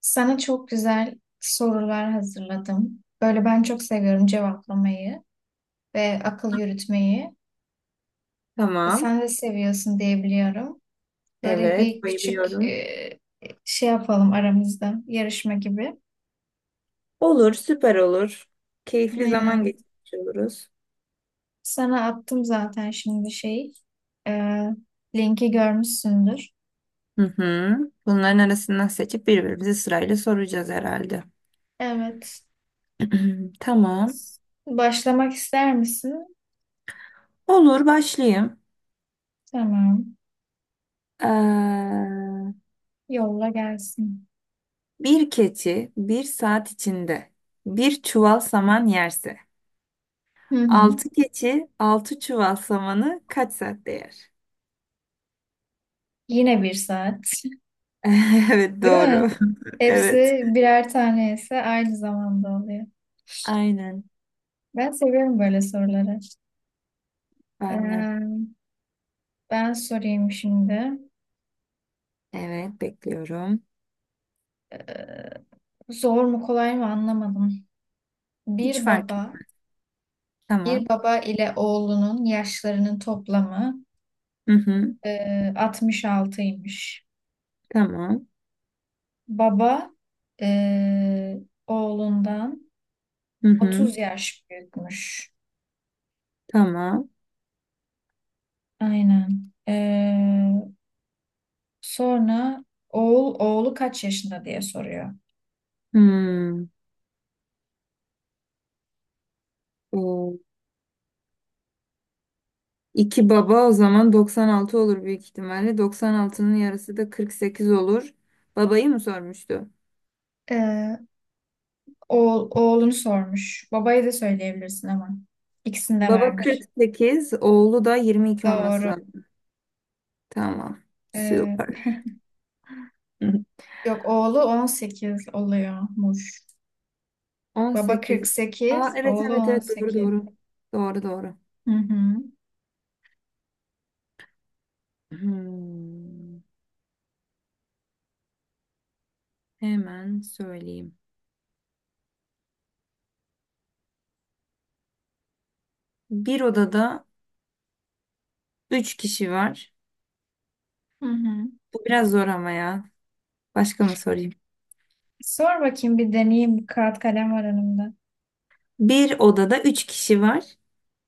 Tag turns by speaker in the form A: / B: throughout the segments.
A: Sana çok güzel sorular hazırladım. Böyle ben çok seviyorum cevaplamayı ve akıl yürütmeyi.
B: Tamam.
A: Sen de seviyorsun diye biliyorum. Böyle
B: Evet.
A: bir küçük
B: Bayılıyorum.
A: şey yapalım aramızda yarışma gibi.
B: Olur, süper olur. Keyifli zaman
A: Aynen.
B: geçirmiş oluruz.
A: Sana attım zaten şimdi şey. E, Linki görmüşsündür.
B: Hı hı. Bunların arasından seçip birbirimize sırayla soracağız herhalde.
A: Evet.
B: Tamam.
A: Başlamak ister misin?
B: Olur başlayayım.
A: Tamam.
B: Ee,
A: Yolla gelsin.
B: bir keçi bir saat içinde bir çuval saman yerse,
A: Hı hı.
B: altı keçi altı çuval samanı kaç saatte yer?
A: Yine bir saat.
B: Evet
A: Değil
B: doğru.
A: mi?
B: Evet.
A: Hepsi birer tane ise aynı zamanda oluyor.
B: Aynen.
A: Ben seviyorum böyle soruları.
B: Ben de.
A: Ee, Ben sorayım şimdi.
B: Evet bekliyorum.
A: Zor mu kolay mı anlamadım.
B: Hiç
A: Bir
B: fark
A: baba,
B: Tamam.
A: Bir baba ile oğlunun yaşlarının toplamı
B: Hı hı.
A: 66'ymış.
B: Tamam.
A: Baba e, oğlundan
B: Hı hı.
A: 30 yaş büyükmüş.
B: Tamam.
A: Aynen. Sonra oğlu kaç yaşında diye soruyor.
B: Hmm. O, iki baba o zaman 96 olur büyük ihtimalle. 96'nın yarısı da 48 olur. Babayı mı sormuştu?
A: Ee, Oğul, oğlunu sormuş. Babaya da söyleyebilirsin ama. İkisini de
B: Baba
A: vermiş.
B: 48, oğlu da 22 olması
A: Doğru.
B: lazım. Tamam.
A: Ee,
B: Süper. Hı hı.
A: Yok, oğlu 18 oluyormuş. Baba
B: 18.
A: kırk
B: Aa,
A: sekiz,
B: evet
A: oğlu
B: evet evet, doğru
A: 18.
B: doğru. Doğru doğru.
A: Hı hı.
B: Hmm. Hemen söyleyeyim. Bir odada üç kişi var.
A: Hı hı.
B: Bu biraz zor ama ya. Başka mı sorayım?
A: Sor bakayım, bir deneyeyim. Bir kağıt kalem var önümde.
B: Bir odada üç kişi var.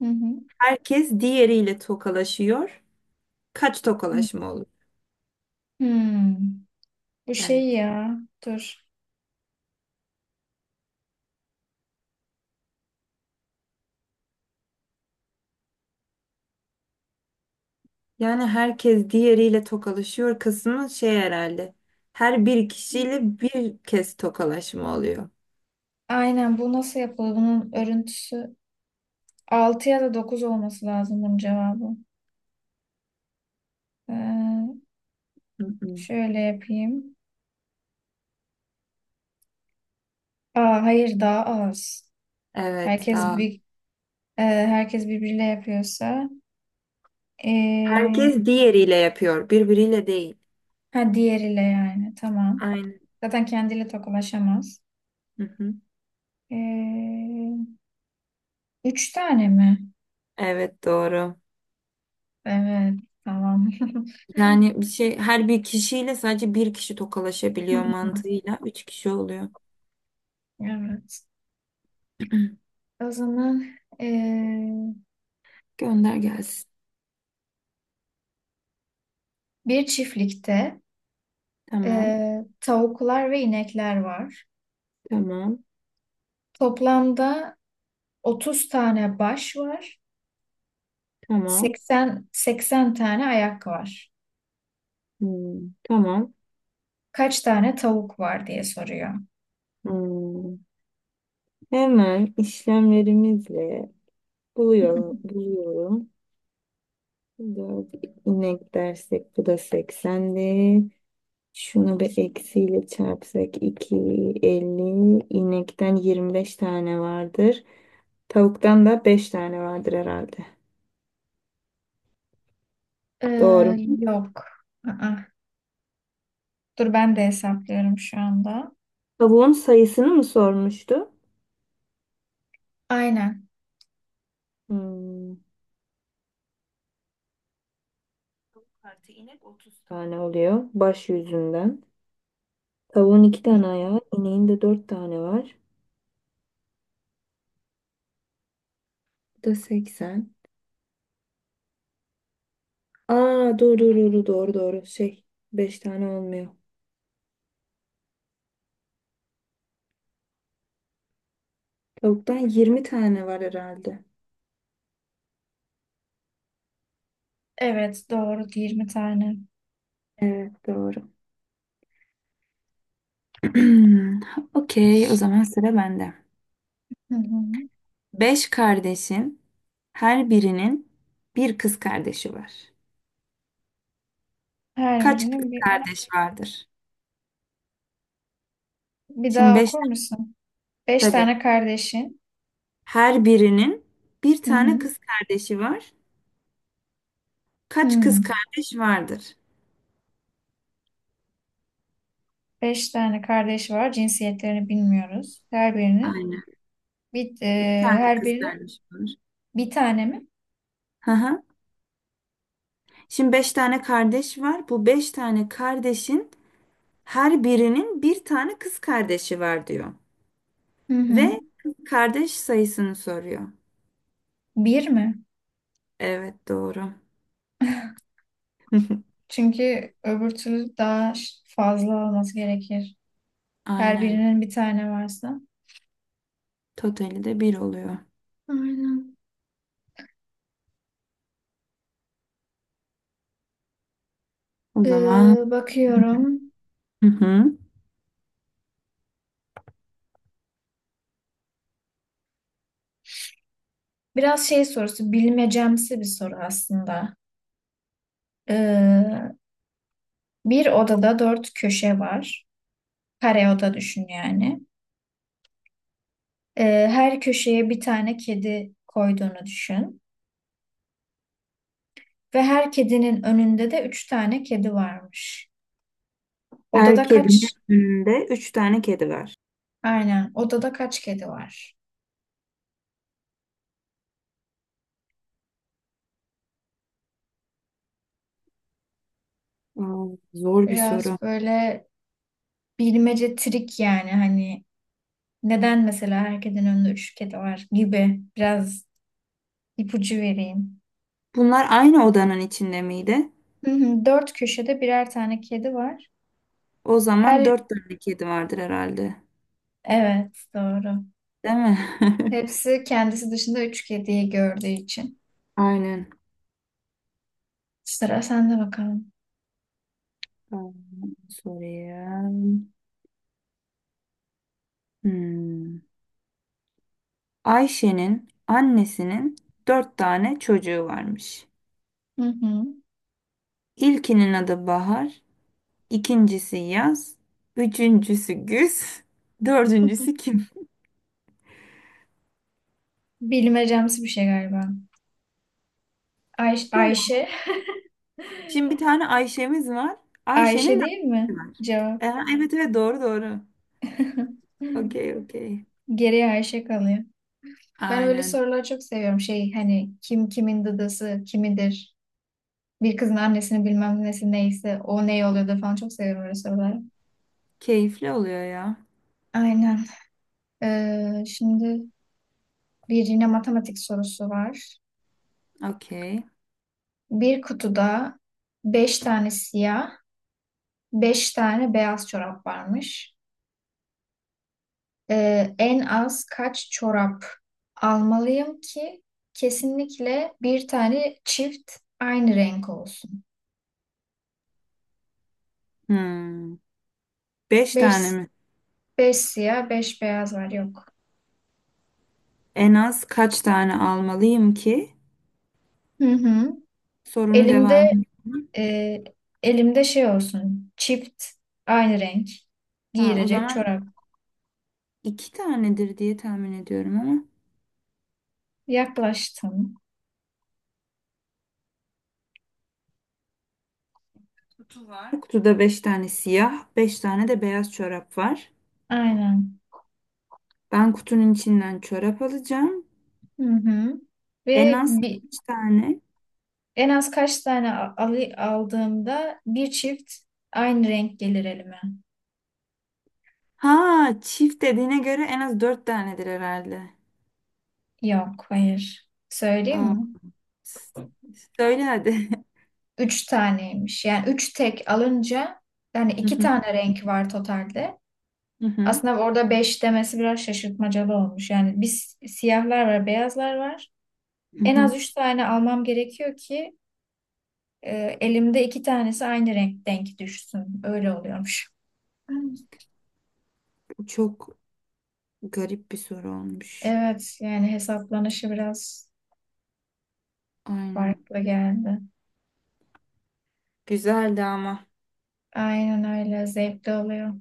A: Hı hı.
B: Herkes diğeriyle tokalaşıyor. Kaç
A: Hı.
B: tokalaşma olur?
A: Hmm. Bu şey
B: Evet.
A: ya. Dur.
B: Yani herkes diğeriyle tokalaşıyor kısmı şey herhalde. Her bir kişiyle bir kez tokalaşma oluyor.
A: Aynen, bu nasıl yapılır? Bunun örüntüsü 6 ya da 9 olması lazım bunun cevabı. Ee,
B: Hı hı.
A: Şöyle yapayım. Aa, hayır, daha az.
B: Evet
A: Herkes
B: daha.
A: bir Herkes birbiriyle yapıyorsa e,
B: Herkes diğeriyle yapıyor. Birbiriyle değil.
A: ha, diğeriyle, yani, tamam.
B: Aynen.
A: Zaten kendiyle tokalaşamaz.
B: Hı hı.
A: E, Üç tane mi?
B: Evet doğru.
A: Evet, tamam.
B: Yani bir şey her bir kişiyle sadece bir kişi tokalaşabiliyor
A: Hmm.
B: mantığıyla. Üç kişi oluyor.
A: Evet. O zaman e,
B: Gönder gelsin.
A: bir çiftlikte
B: Tamam.
A: tavuklar ve inekler var.
B: Tamam.
A: Toplamda 30 tane baş var.
B: Tamam.
A: Seksen tane ayak var.
B: Hmm, tamam.
A: Kaç tane tavuk var diye soruyor.
B: Hmm, Hemen işlemlerimizle buluyorum. buluyorum. 4 inek dersek bu da 80'di. Şunu bir eksiyle çarpsak 250. İnekten 25 tane vardır. Tavuktan da 5 tane vardır herhalde.
A: Ee,
B: Doğru.
A: Yok. Aa, dur, ben de hesaplıyorum şu anda.
B: Tavuğun sayısını mı sormuştu?
A: Aynen.
B: Hmm. Artı inek 30 tane oluyor baş yüzünden. Tavuğun iki
A: Hmm.
B: tane ayağı, ineğin de dört tane var. Da 80. Aa, doğru doğru doğru doğru. Şey 5 tane olmuyor. Tavuktan 20 tane var herhalde.
A: Evet, doğru, 20 tane.
B: Evet doğru. Okey, o zaman sıra bende.
A: Hı hı.
B: 5 kardeşin her birinin bir kız kardeşi var.
A: Her
B: Kaç kız
A: birini
B: kardeş vardır?
A: bir
B: Şimdi
A: daha okur
B: 5,
A: musun? Beş
B: tabii.
A: tane kardeşin.
B: Her birinin bir
A: Hı
B: tane
A: hı.
B: kız kardeşi var. Kaç kız
A: Hmm.
B: kardeş vardır?
A: Beş tane kardeş var. Cinsiyetlerini bilmiyoruz. Her birini
B: Aynen.
A: bir,
B: Bir
A: e,
B: tane
A: her
B: kız
A: biri
B: kardeş var.
A: bir tane mi?
B: Hı hı. Şimdi beş tane kardeş var. Bu beş tane kardeşin her birinin bir tane kız kardeşi var diyor.
A: Hı hı.
B: Ve kız kardeş sayısını soruyor.
A: Bir mi?
B: Evet doğru.
A: Çünkü öbür türlü daha fazla olması gerekir. Her
B: Aynen.
A: birinin bir tane varsa.
B: Totali de bir oluyor.
A: Aynen.
B: O zaman
A: Bakıyorum.
B: hı hı.
A: Biraz şey sorusu, bilmecemsi bir soru aslında. Ee, Bir odada dört köşe var. Kare oda düşün yani. Her köşeye bir tane kedi koyduğunu düşün. Ve her kedinin önünde de üç tane kedi varmış.
B: Her
A: Odada
B: kedinin
A: kaç?
B: önünde üç tane kedi var.
A: Aynen. Odada kaç kedi var?
B: Aa, zor bir soru.
A: Biraz böyle bilmece, trik yani, hani neden mesela her kedinin önünde üç kedi var gibi. Biraz ipucu vereyim.
B: Bunlar aynı odanın içinde miydi?
A: Hı hı. Dört köşede birer tane kedi var.
B: O zaman
A: Her
B: dört tane kedi vardır herhalde.
A: evet, doğru.
B: Değil mi?
A: Hepsi kendisi dışında üç kediyi gördüğü için.
B: Aynen.
A: Sıra sende bakalım.
B: Aa, sorayım. Hmm. Ayşe'nin annesinin dört tane çocuğu varmış.
A: Hı hı.
B: İlkinin adı Bahar, ikincisi Yaz, üçüncüsü Güz, dördüncüsü kim?
A: Bilmecemsi bir şey galiba. Ay,
B: Yok.
A: Ayşe.
B: Şimdi bir tane Ayşe'miz var.
A: Ayşe
B: Ayşe'nin de
A: değil mi?
B: annesi var.
A: Cevap.
B: Aha, evet evet, doğru doğru. Okey, okey.
A: Geriye Ayşe kalıyor. Ben öyle
B: Aynen.
A: soruları çok seviyorum. Şey, hani kim kimin dıdısı kimidir? Bir kızın annesini bilmem nesi neyse o ne oluyor da falan, çok seviyorum öyle soruları.
B: Keyifli oluyor ya.
A: Aynen. Şimdi bir yine matematik sorusu var.
B: Okey.
A: Bir kutuda beş tane siyah, beş tane beyaz çorap varmış. En az kaç çorap almalıyım ki kesinlikle bir tane çift aynı renk olsun?
B: Hmm. Beş tane
A: Beş,
B: mi?
A: Beş siyah, beş beyaz var. Yok.
B: En az kaç tane almalıyım ki?
A: Hı hı.
B: Sorunun
A: Elimde
B: devamı.
A: e, Elimde şey olsun. Çift, aynı renk,
B: Ha, o
A: giyilecek
B: zaman
A: çorap.
B: iki tanedir diye tahmin ediyorum ama.
A: Yaklaştım.
B: Kutu var. Kutuda 5 tane siyah, 5 tane de beyaz çorap var.
A: Aynen.
B: Ben kutunun içinden çorap alacağım.
A: Hı hı.
B: En
A: Ve
B: az
A: bir,
B: kaç tane?
A: En az kaç tane aldığımda bir çift aynı renk gelir elime.
B: Ha, çift dediğine göre en az 4 tanedir herhalde.
A: Yok, hayır. Söyleyeyim
B: Aa,
A: mi?
B: s- söyle hadi.
A: Üç taneymiş. Yani üç tek alınca, yani
B: Hı
A: iki
B: hı,
A: tane renk var totalde.
B: hı hı,
A: Aslında orada beş demesi biraz şaşırtmacalı olmuş. Yani biz, siyahlar var, beyazlar var.
B: hı
A: En az
B: hı.
A: üç tane almam gerekiyor ki elimde iki tanesi aynı renk denk düşsün. Öyle oluyormuş. Hmm.
B: Bu çok garip bir soru olmuş.
A: Evet, yani hesaplanışı biraz
B: Aynen.
A: farklı geldi.
B: Güzeldi ama.
A: Aynen, öyle zevkli oluyor.